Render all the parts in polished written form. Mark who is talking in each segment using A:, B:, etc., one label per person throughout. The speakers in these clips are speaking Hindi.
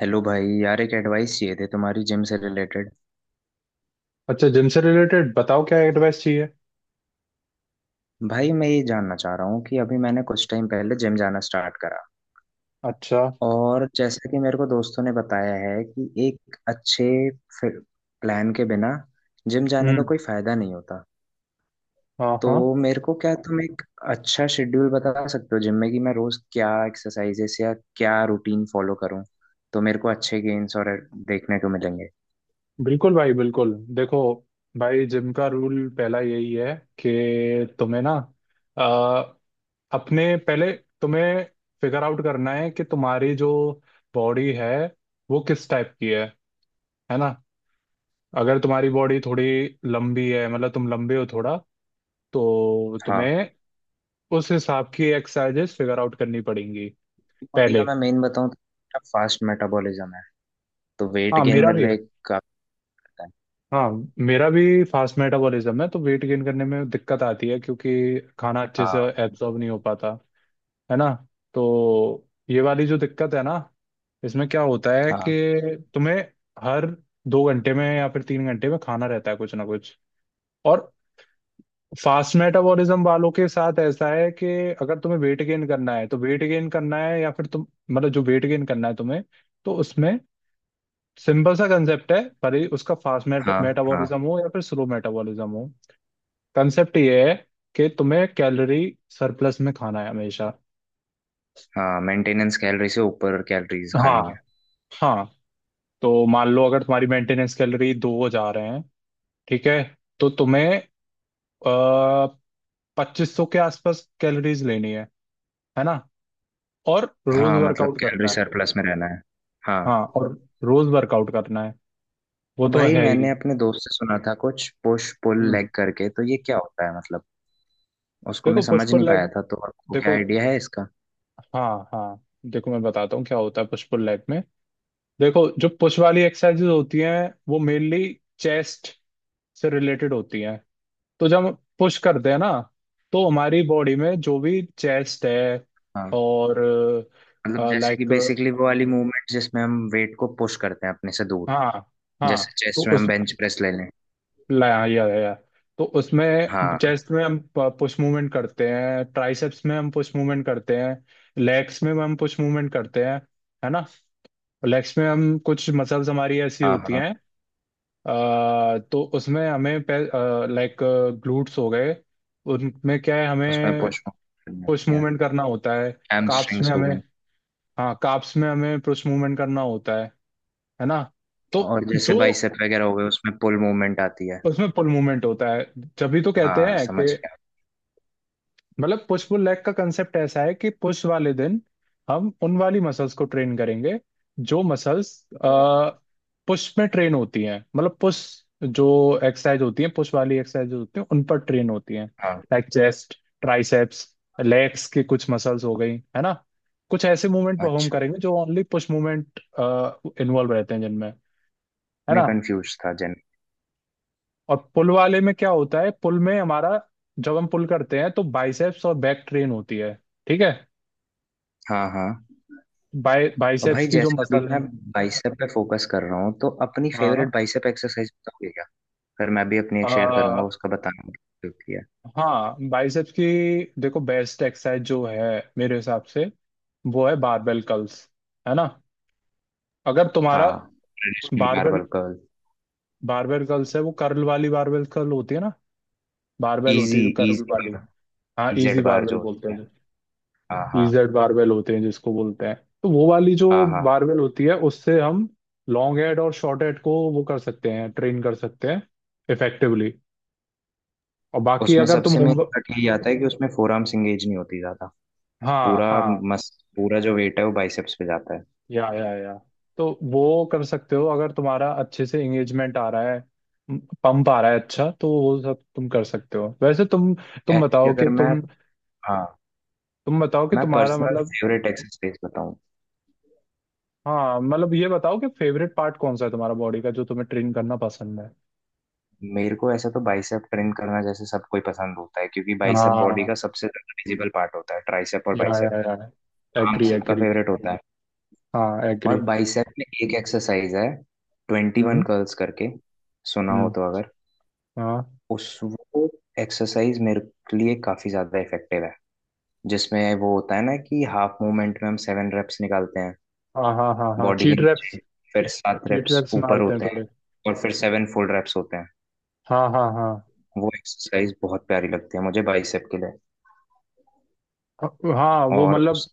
A: हेलो भाई, यार एक एडवाइस चाहिए थी तुम्हारी, जिम से रिलेटेड।
B: अच्छा, जिम से रिलेटेड बताओ क्या एडवाइस चाहिए।
A: भाई मैं ये जानना चाह रहा हूँ कि अभी मैंने कुछ टाइम पहले जिम जाना स्टार्ट करा।
B: अच्छा।
A: और जैसा कि मेरे को दोस्तों ने बताया है कि एक अच्छे प्लान के बिना जिम जाने का
B: हम्म।
A: कोई फायदा नहीं होता।
B: हाँ
A: तो
B: हाँ।
A: मेरे को क्या तुम एक अच्छा शेड्यूल बता सकते हो जिम में कि मैं रोज क्या एक्सरसाइजेस या क्या रूटीन फॉलो करूँ, तो मेरे को अच्छे गेन्स और देखने को मिलेंगे।
B: बिल्कुल भाई, बिल्कुल। देखो भाई, जिम का रूल पहला यही है कि तुम्हें ना आ, अपने पहले तुम्हें फिगर आउट करना है कि तुम्हारी जो बॉडी है वो किस टाइप की है ना। अगर तुम्हारी बॉडी थोड़ी लंबी है, मतलब तुम लंबे हो थोड़ा, तो
A: हाँ,
B: तुम्हें उस हिसाब की एक्सरसाइजेस फिगर आउट करनी पड़ेंगी
A: बॉडी का
B: पहले।
A: मैं मेन बताऊँ तो फास्ट मेटाबॉलिज्म है। तो वेट
B: हाँ,
A: गेन
B: मेरा भी
A: मेरा
B: है।
A: एक काफी रहता है।
B: हाँ, मेरा भी फास्ट मेटाबॉलिज्म है, तो वेट गेन करने में दिक्कत आती है क्योंकि खाना अच्छे से
A: हाँ,
B: एब्जॉर्ब नहीं हो पाता, है ना। तो ये वाली जो दिक्कत है ना, इसमें क्या होता है
A: हाँ,
B: कि तुम्हें हर 2 घंटे में या फिर 3 घंटे में खाना रहता है कुछ ना कुछ। और फास्ट मेटाबॉलिज्म वालों के साथ ऐसा है कि अगर तुम्हें वेट गेन करना है तो वेट गेन करना है, या फिर तुम, मतलब जो वेट गेन करना है तुम्हें, तो उसमें सिंपल सा कंसेप्ट है। भले ही उसका फास्ट
A: हाँ, हाँ।
B: मेटाबॉलिज्म हो या फिर स्लो मेटाबॉलिज्म हो, कंसेप्ट ये है कि तुम्हें कैलोरी सरप्लस में खाना है हमेशा।
A: हाँ, मेंटेनेंस कैलोरी से ऊपर कैलोरीज
B: हाँ
A: खानी है।
B: हाँ। तो मान लो अगर तुम्हारी मेंटेनेंस कैलोरी दो जा रहे हैं, ठीक है, तो तुम्हें आ, 2500 के आसपास कैलोरीज लेनी है ना, और रोज
A: हाँ, मतलब
B: वर्कआउट
A: कैलोरी
B: करना है।
A: सरप्लस में रहना है। हाँ।
B: हाँ, और रोज वर्कआउट करना है, वो
A: और
B: तो
A: भाई,
B: है ही।
A: मैंने अपने दोस्त से सुना था कुछ पुश पुल
B: हम्म।
A: लेग करके, तो ये क्या होता है मतलब? उसको मैं
B: देखो, पुश
A: समझ नहीं
B: पुल
A: पाया
B: लेग,
A: था, तो आपको क्या
B: देखो।
A: आइडिया है इसका?
B: हाँ हाँ। देखो, मैं बताता हूँ क्या होता है पुश पुल लेग में। देखो, जो पुश वाली एक्सरसाइजेज होती हैं वो मेनली चेस्ट से रिलेटेड होती हैं। तो जब हम पुश करते हैं ना, तो हमारी बॉडी में जो भी चेस्ट है
A: हाँ,
B: और,
A: मतलब जैसे कि
B: लाइक,
A: बेसिकली वो वाली मूवमेंट जिसमें हम वेट को पुश करते हैं अपने से दूर।
B: हाँ
A: जैसे
B: हाँ, तो
A: चेस्ट में हम
B: उस,
A: बेंच प्रेस ले लें।
B: लाया या, या, तो उसमें
A: हाँ,
B: चेस्ट में हम पुश मूवमेंट करते हैं, ट्राइसेप्स में हम पुश मूवमेंट करते हैं, लेग्स में हम पुश मूवमेंट करते हैं, है ना। लेग्स में हम, कुछ मसल्स हमारी ऐसी
A: हाँ,
B: होती
A: हाँ।
B: हैं तो उसमें हमें, लाइक, ग्लूट्स हो गए, उनमें क्या है,
A: उसमें
B: हमें
A: पुश करनी
B: पुश
A: होती है।
B: मूवमेंट करना होता है। काप्स में
A: हैमस्ट्रिंग्स हो
B: हमें,
A: गई।
B: हाँ, काप्स में हमें पुश मूवमेंट करना होता है ना। तो
A: और जैसे
B: जो,
A: बाइसेप वगैरह हो गए उसमें पुल मूवमेंट आती है।
B: उसमें पुल मूवमेंट होता है। जब भी तो कहते
A: हाँ,
B: हैं कि,
A: समझ गया।
B: मतलब, पुश पुल लेग का कंसेप्ट ऐसा है कि पुश वाले दिन हम उन वाली मसल्स को ट्रेन करेंगे, जो मसल्स पुश में ट्रेन होती हैं। मतलब पुश, जो एक्सरसाइज होती है, पुश वाली एक्सरसाइज होती है, उन पर ट्रेन होती हैं,
A: हाँ,
B: लाइक चेस्ट, ट्राइसेप्स, लेग्स की कुछ मसल्स हो गई, है ना। कुछ ऐसे मूवमेंट परफॉर्म
A: अच्छा,
B: करेंगे जो ओनली पुश मूवमेंट इन्वॉल्व रहते हैं जिनमें, है
A: मैं
B: ना।
A: कंफ्यूज था जन।
B: और पुल वाले में क्या होता है, पुल में हमारा, जब हम पुल करते हैं तो बाइसेप्स और बैक ट्रेन होती है, ठीक है।
A: हाँ, हाँ।
B: बाई,
A: और
B: बाइसेप्स
A: भाई,
B: की जो
A: जैसे अभी
B: मसल
A: मैं
B: है।
A: बाइसेप पे फोकस कर रहा हूँ, तो अपनी
B: हाँ।
A: फेवरेट बाइसेप एक्सरसाइज बताओगे क्या? फिर मैं भी अपनी एक शेयर करूंगा,
B: आ,
A: उसका बताना क्योंकि है।
B: हाँ, बाइसेप्स की, देखो, बेस्ट एक्सरसाइज जो है मेरे हिसाब से, वो है बारबेल कर्ल्स, है ना। अगर तुम्हारा,
A: हाँ, traditional
B: barbell
A: barbell curl.
B: Barbell curls है, वो कर्ल वाली बारबेल कर्ल होती है ना, बारबेल होती
A: इजी,
B: है जो कर्ल
A: इजी
B: वाली।
A: बार,
B: हाँ, इजी
A: इजेड बार जो
B: बारबेल बोलते
A: होती है।
B: हैं,
A: हाँ, हाँ,
B: इजेड बारबेल होते हैं जिसको बोलते हैं। तो वो वाली जो
A: हाँ, हाँ।
B: बारबेल होती है उससे हम लॉन्ग हेड और शॉर्ट हेड को वो कर सकते हैं, ट्रेन कर सकते हैं इफेक्टिवली। और बाकी
A: उसमें
B: अगर तुम
A: सबसे मेन
B: होम,
A: कट यही आता है कि उसमें फोर आर्म्स एंगेज नहीं होती ज्यादा।
B: हाँ
A: पूरा
B: हाँ,
A: मस, पूरा जो वेट है वो बाइसेप्स पे जाता है।
B: या, तो वो कर सकते हो अगर तुम्हारा अच्छे से एंगेजमेंट आ रहा है, पंप आ रहा है अच्छा, तो वो सब तुम कर सकते हो। वैसे तुम, तुम
A: ऐसे कि
B: बताओ कि
A: अगर मैं
B: तुम
A: हाँ,
B: तुम बताओ कि
A: मैं
B: तुम्हारा
A: पर्सनल
B: मतलब,
A: फेवरेट एक्सरसाइज बताऊं?
B: हाँ, मतलब ये बताओ कि फेवरेट पार्ट कौन सा है तुम्हारा बॉडी का जो तुम्हें ट्रेन करना पसंद है।
A: मेरे को ऐसा तो, बाइसेप ट्रेन करना जैसे सबको ही पसंद होता है, क्योंकि बाइसेप बॉडी
B: हाँ,
A: का सबसे ज्यादा विजिबल पार्ट होता है, ट्राइसेप और बाइसेप
B: या,
A: आम
B: एग्री
A: सबका
B: एग्री।
A: फेवरेट होता है।
B: हाँ,
A: और
B: एग्री।
A: बाइसेप में एक एक्सरसाइज है 21
B: हम्म
A: कर्ल्स करके, सुना हो
B: हम्म।
A: तो अगर।
B: हाँ
A: उस वो एक्सरसाइज मेरे लिए काफी ज्यादा इफेक्टिव है, जिसमें वो होता है ना कि हाफ मूवमेंट में हम 7 रेप्स निकालते हैं
B: हाँ हाँ हाँ हाँ,
A: बॉडी के
B: चीट रैप्स,
A: नीचे, फिर 7
B: चीट
A: रेप्स
B: रैप्स
A: ऊपर
B: मारते हैं
A: होते हैं,
B: थोड़े।
A: और फिर 7 फुल रेप्स होते हैं।
B: हाँ हाँ हाँ
A: वो एक्सरसाइज बहुत प्यारी लगती है मुझे बाइसेप के लिए।
B: हाँ, वो
A: और
B: मतलब
A: उस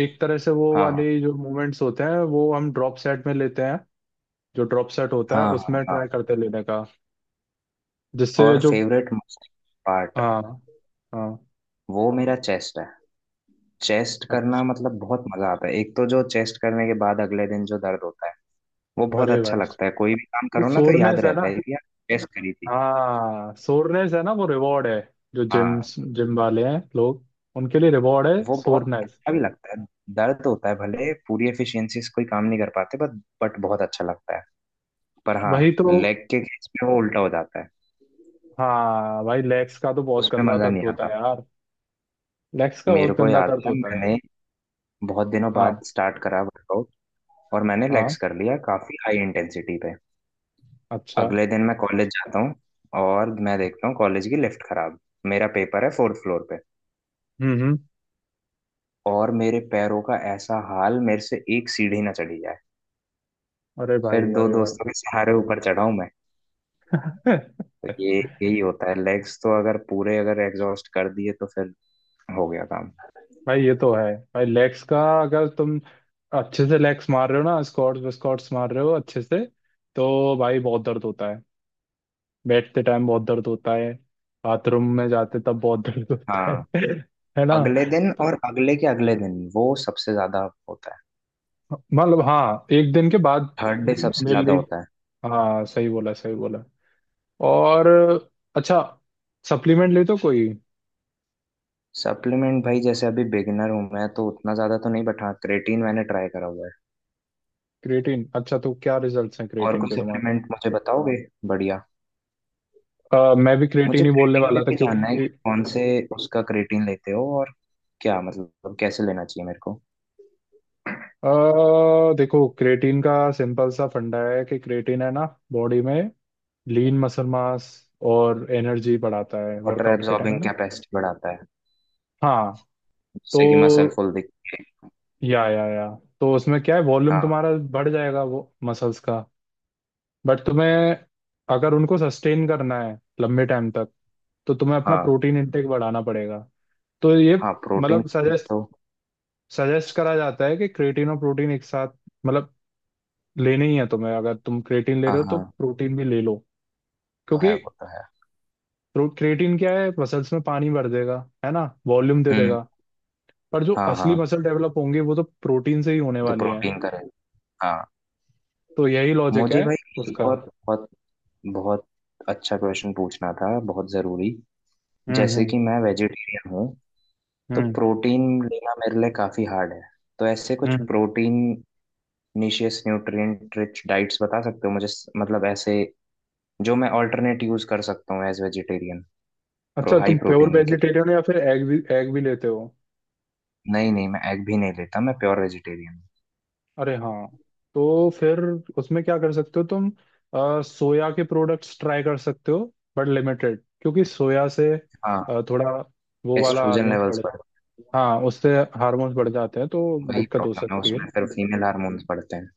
B: एक तरह से वो
A: हाँ,
B: वाले जो मूवमेंट्स होते हैं वो हम ड्रॉप सेट में लेते हैं, जो ड्रॉप सेट होता
A: हाँ,
B: है
A: हाँ, हाँ,
B: उसमें ट्राई
A: हाँ।
B: करते हैं लेने का, जिससे
A: और
B: जो,
A: फेवरेट मसल पार्ट,
B: हाँ हाँ।
A: वो मेरा चेस्ट है। चेस्ट करना
B: अच्छा।
A: मतलब बहुत मजा आता है, एक तो जो चेस्ट करने के बाद अगले दिन जो दर्द होता है वो बहुत
B: अरे
A: अच्छा
B: भाई,
A: लगता है।
B: जो
A: कोई भी काम करो ना तो याद
B: सोरनेस है ना,
A: रहता है कि यार, चेस्ट करी थी।
B: हाँ, सोरनेस है ना, वो रिवॉर्ड है। जो जिम,
A: हाँ,
B: जिम वाले हैं लोग, उनके लिए रिवॉर्ड है
A: वो बहुत
B: सोरनेस।
A: अच्छा भी लगता है। दर्द होता है, भले पूरी एफिशिएंसी से कोई काम नहीं कर पाते, बट बहुत अच्छा लगता है। पर हाँ,
B: वही तो।
A: लेग के केस में वो उल्टा हो जाता है।
B: हाँ भाई, लेग्स का तो बहुत
A: उसमें
B: गंदा
A: मजा
B: दर्द
A: नहीं
B: होता है
A: आता।
B: यार। लेग्स का
A: मेरे
B: बहुत
A: को
B: गंदा
A: याद
B: दर्द
A: है,
B: होता है।
A: मैंने बहुत दिनों बाद
B: हाँ
A: स्टार्ट करा वर्कआउट, और मैंने लेग्स
B: हाँ।
A: कर लिया काफी हाई इंटेंसिटी पे।
B: अच्छा।
A: अगले दिन मैं कॉलेज जाता हूँ, और मैं देखता हूँ कॉलेज की लिफ्ट खराब, मेरा पेपर है फोर्थ फ्लोर पे,
B: हम्म।
A: और मेरे पैरों का ऐसा हाल, मेरे से एक सीढ़ी ना चढ़ी जाए।
B: अरे
A: फिर
B: भाई,
A: दो
B: अरे
A: दोस्तों के सहारे ऊपर चढ़ा हूं मैं।
B: भाई।
A: तो ये यही होता है, लेग्स तो अगर पूरे अगर एग्जॉस्ट कर दिए तो फिर हो गया काम।
B: भाई, ये तो है भाई। लेग्स का अगर तुम अच्छे से लेग्स मार रहे हो ना, स्क्वाट्स विस्क्वाट्स मार रहे हो अच्छे से, तो भाई बहुत दर्द होता है। बैठते टाइम बहुत दर्द होता है, बाथरूम में जाते तब बहुत दर्द होता है।
A: हाँ,
B: है ना।
A: अगले दिन
B: तो
A: और अगले के अगले दिन वो सबसे ज्यादा होता है।
B: मतलब हाँ, एक दिन के बाद,
A: थर्ड डे सबसे
B: मेरे
A: ज्यादा
B: लिए,
A: होता है।
B: हाँ, सही बोला, सही बोला। और, अच्छा, सप्लीमेंट लेते हो कोई?
A: सप्लीमेंट भाई, जैसे अभी बिगिनर हूं मैं तो उतना ज्यादा तो नहीं, बट हाँ क्रेटीन मैंने ट्राई करा हुआ है।
B: क्रिएटिन, अच्छा, तो क्या रिजल्ट्स हैं
A: और
B: क्रिएटिन
A: कोई
B: के तुम्हारे?
A: सप्लीमेंट मुझे बताओगे? बढ़िया।
B: मैं भी क्रिएटिन
A: मुझे
B: ही बोलने
A: क्रेटीन में
B: वाला था
A: भी जानना है कि
B: क्योंकि,
A: कौन से, उसका क्रेटीन लेते हो, और क्या मतलब कैसे लेना चाहिए मेरे को?
B: अ देखो, क्रेटीन का सिंपल सा फंडा है कि क्रेटीन है ना, बॉडी में लीन मसल मास और एनर्जी बढ़ाता है
A: वाटर
B: वर्कआउट के
A: एब्जॉर्बिंग
B: टाइम में।
A: कैपेसिटी बढ़ाता है,
B: हाँ, तो,
A: जिससे कि मसल फुल दिखे।
B: या, तो उसमें क्या है, वॉल्यूम
A: हाँ,
B: तुम्हारा बढ़ जाएगा वो मसल्स का। बट तुम्हें, अगर उनको सस्टेन करना है लंबे टाइम तक, तो तुम्हें अपना
A: हाँ,
B: प्रोटीन इंटेक बढ़ाना पड़ेगा। तो ये,
A: हाँ, प्रोटीन।
B: मतलब सजेस्ट,
A: तो
B: सजेस्ट करा जाता है कि क्रेटीन और प्रोटीन एक साथ, मतलब, लेने ही है तुम्हें। अगर तुम क्रेटीन ले
A: हाँ,
B: रहे हो तो
A: हाँ,
B: प्रोटीन भी ले लो
A: तो है,
B: क्योंकि
A: वो तो है।
B: क्रिएटिन क्या है, मसल्स में पानी भर देगा, है ना, वॉल्यूम दे
A: हम्म।
B: देगा, पर जो
A: हाँ,
B: असली
A: हाँ,
B: मसल डेवलप होंगे वो तो प्रोटीन से ही होने
A: तो
B: वाली है।
A: प्रोटीन करे। हाँ।
B: तो यही लॉजिक
A: मुझे
B: है
A: भाई
B: उसका।
A: एक और बहुत बहुत अच्छा क्वेश्चन पूछना था, बहुत जरूरी। जैसे
B: हम्म।
A: कि मैं वेजिटेरियन हूँ, तो
B: हम्म
A: प्रोटीन लेना मेरे लिए काफ़ी हार्ड है। तो ऐसे कुछ
B: हम्म।
A: प्रोटीन निशियस न्यूट्रिएंट रिच डाइट्स बता सकते हो मुझे, मतलब ऐसे जो मैं ऑल्टरनेट यूज़ कर सकता हूँ एज वेजिटेरियन?
B: अच्छा,
A: हाई
B: तुम प्योर
A: प्रोटीन के
B: वेजिटेरियन हो या फिर एग भी, एग भी लेते हो?
A: लिए? नहीं नहीं, मैं एग भी नहीं लेता, मैं प्योर वेजिटेरियन हूँ।
B: अरे हाँ, तो फिर उसमें क्या कर सकते हो तुम, सोया के प्रोडक्ट्स ट्राई कर सकते हो, बट लिमिटेड, क्योंकि सोया से
A: हाँ,
B: थोड़ा वो
A: तो
B: वाला
A: एस्ट्रोजन
B: हार्मोन्स
A: लेवल्स
B: बढ़े,
A: बढ़,
B: हाँ, उससे हार्मोन्स बढ़ जाते हैं, तो
A: वही
B: दिक्कत हो
A: प्रॉब्लम है
B: सकती है।
A: उसमें, फिर फीमेल हार्मोन्स बढ़ते हैं।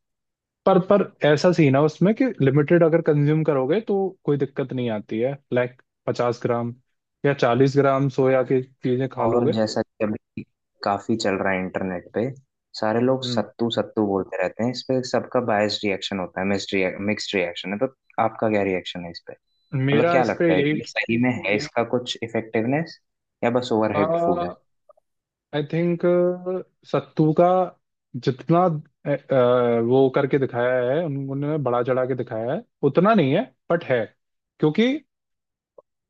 B: पर ऐसा सीन है उसमें कि लिमिटेड अगर कंज्यूम करोगे तो कोई दिक्कत नहीं आती है, लाइक 50 ग्राम या 40 ग्राम सोया की चीजें खा
A: और
B: लोगे।
A: जैसा कि अभी काफी चल रहा है इंटरनेट पे, सारे लोग
B: हम्म।
A: सत्तू सत्तू बोलते रहते हैं, इस पे सबका बायस रिएक्शन होता है मिक्स्ड। मिक्स्ड रिएक्शन है, तो आपका क्या रिएक्शन है इस पे? मतलब
B: मेरा
A: क्या
B: इस पे
A: लगता है
B: यही,
A: कि ये सही में है, इसका कुछ इफेक्टिवनेस, या बस ओवरहाइप्ड फूड है?
B: आई थिंक, सत्तू का जितना, वो करके दिखाया है, उन्होंने बड़ा चढ़ा के दिखाया है उतना नहीं है, बट है, क्योंकि,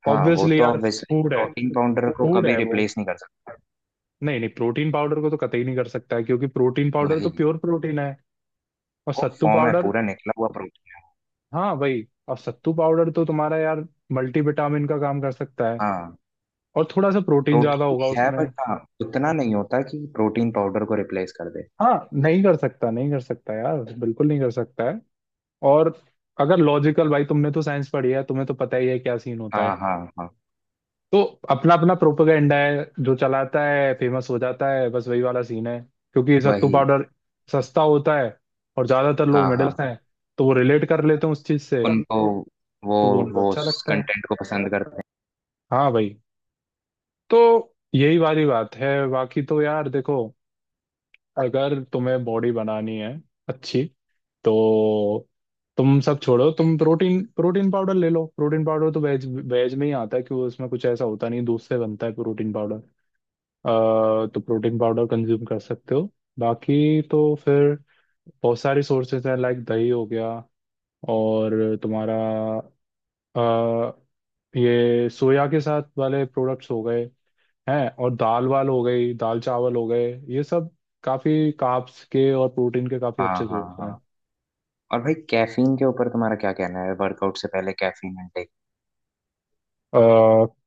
A: हाँ, वो
B: ऑब्वियसली
A: तो
B: यार,
A: ऑब्वियसली
B: फूड है,
A: प्रोटीन पाउडर को
B: फूड
A: कभी
B: है वो।
A: रिप्लेस नहीं कर सकता।
B: नहीं नहीं, प्रोटीन पाउडर को तो कतई नहीं कर सकता है, क्योंकि प्रोटीन पाउडर तो
A: वही,
B: प्योर प्रोटीन है और
A: वो
B: सत्तू
A: फॉर्म है
B: पाउडर,
A: पूरा निकला हुआ प्रोटीन।
B: हाँ वही, और सत्तू पाउडर तो तुम्हारा यार मल्टीविटामिन का काम कर सकता है,
A: हाँ,
B: और थोड़ा सा प्रोटीन ज्यादा
A: प्रोटीन
B: होगा
A: भी है,
B: उसमें।
A: बट हाँ उतना नहीं होता कि प्रोटीन पाउडर को रिप्लेस कर दे।
B: हाँ, नहीं कर सकता, नहीं कर सकता यार, बिल्कुल नहीं कर सकता है। और अगर लॉजिकल, भाई तुमने तो साइंस पढ़ी है, तुम्हें तो पता ही है क्या सीन होता
A: हाँ,
B: है।
A: हाँ, हाँ।
B: तो अपना अपना प्रोपेगेंडा है, जो चलाता है फेमस हो जाता है, बस वही वाला सीन है। क्योंकि सत्तू
A: वही।
B: पाउडर सस्ता होता है, और ज्यादातर लोग
A: हाँ,
B: मिडिल
A: हाँ।
B: क्लास हैं, तो वो रिलेट कर लेते हैं उस चीज से,
A: उनको कंटेंट, वो
B: तो वो उनको
A: वो
B: अच्छा लगता है।
A: कंटेंट को पसंद करते हैं।
B: हाँ भाई, तो यही वाली बात है। बाकी तो यार देखो, अगर तुम्हें बॉडी बनानी है अच्छी, तो तुम सब छोड़ो, तुम प्रोटीन प्रोटीन पाउडर ले लो। प्रोटीन पाउडर तो वेज, वेज में ही आता है कि वो, उसमें कुछ ऐसा होता नहीं, दूध से बनता है प्रोटीन पाउडर। तो प्रोटीन पाउडर कंज्यूम कर सकते हो। बाकी तो फिर बहुत सारे सोर्सेज हैं, लाइक दही हो गया, और तुम्हारा अ, ये सोया के साथ वाले प्रोडक्ट्स हो गए, है, और दाल वाल हो गई, दाल चावल हो गए, ये सब काफी कार्ब्स के और प्रोटीन के काफी
A: हाँ,
B: अच्छे
A: हाँ,
B: सोर्स हैं।
A: हाँ। और भाई, कैफीन के ऊपर तुम्हारा क्या कहना है, वर्कआउट से पहले कैफीन इनटेक?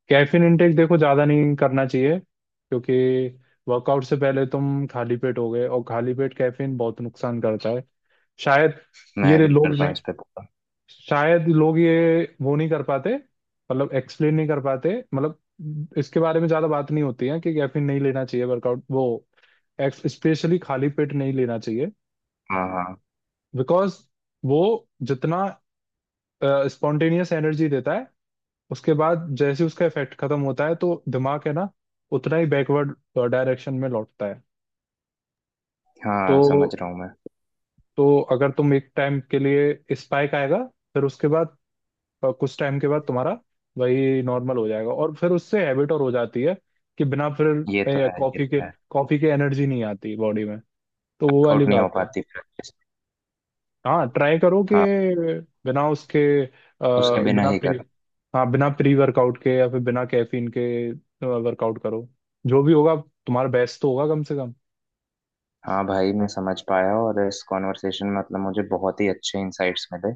B: कैफीन इंटेक, देखो, ज्यादा नहीं करना चाहिए, क्योंकि वर्कआउट से पहले तुम खाली पेट हो गए, और खाली पेट कैफीन बहुत नुकसान करता है। शायद
A: मैं
B: ये
A: एग्री
B: लोग
A: करता हूँ
B: नहीं,
A: इस पे पूरा।
B: शायद लोग ये वो नहीं कर पाते, मतलब एक्सप्लेन नहीं कर पाते, मतलब इसके बारे में ज्यादा बात नहीं होती है कि कैफीन नहीं लेना चाहिए वर्कआउट, वो स्पेशली खाली पेट नहीं लेना चाहिए।
A: हाँ, हाँ।
B: बिकॉज वो जितना स्पॉन्टेनियस एनर्जी देता है, उसके बाद जैसे ही उसका इफेक्ट खत्म होता है तो दिमाग है ना, उतना ही बैकवर्ड डायरेक्शन में लौटता है। तो
A: हाँ, समझ रहा हूँ मैं।
B: तो अगर तुम, एक टाइम के लिए स्पाइक आएगा, फिर उसके बाद कुछ टाइम के बाद तुम्हारा वही नॉर्मल हो जाएगा, और फिर उससे हैबिट और हो जाती है कि बिना
A: ये तो
B: फिर
A: है, ये
B: कॉफी के,
A: तो है।
B: कॉफी के एनर्जी नहीं आती बॉडी में। तो वो
A: वर्कआउट
B: वाली
A: नहीं हो
B: बात है।
A: पाती प्रैक्टिस।
B: हाँ, ट्राई करो कि
A: हाँ,
B: बिना उसके, अ,
A: उसके बिना
B: बिना
A: ही
B: प्री,
A: करो।
B: हाँ, बिना प्री वर्कआउट के या फिर बिना कैफीन के वर्कआउट करो। जो भी होगा तुम्हारा बेस्ट तो होगा कम से कम।
A: हाँ भाई, मैं समझ पाया, और इस कॉन्वर्सेशन में मतलब मुझे बहुत ही अच्छे इंसाइट्स मिले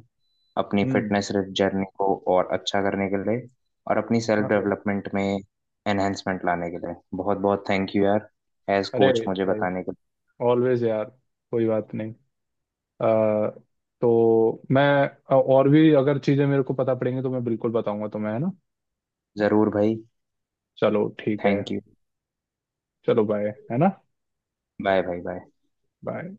A: अपनी
B: हम्म।
A: फिटनेस जर्नी को और अच्छा करने के लिए, और अपनी सेल्फ
B: अरे,
A: डेवलपमेंट में एनहेंसमेंट लाने के लिए। बहुत बहुत थैंक यू यार, एज
B: अरे
A: कोच मुझे
B: भाई,
A: बताने के
B: ऑलवेज यार, कोई बात नहीं। आ, तो मैं, और भी अगर चीजें मेरे को पता पड़ेंगी तो मैं बिल्कुल बताऊंगा तुम्हें, है ना।
A: लिए। ज़रूर भाई।
B: चलो ठीक है।
A: थैंक यू,
B: चलो बाय, है ना।
A: Bye bye bye.
B: बाय।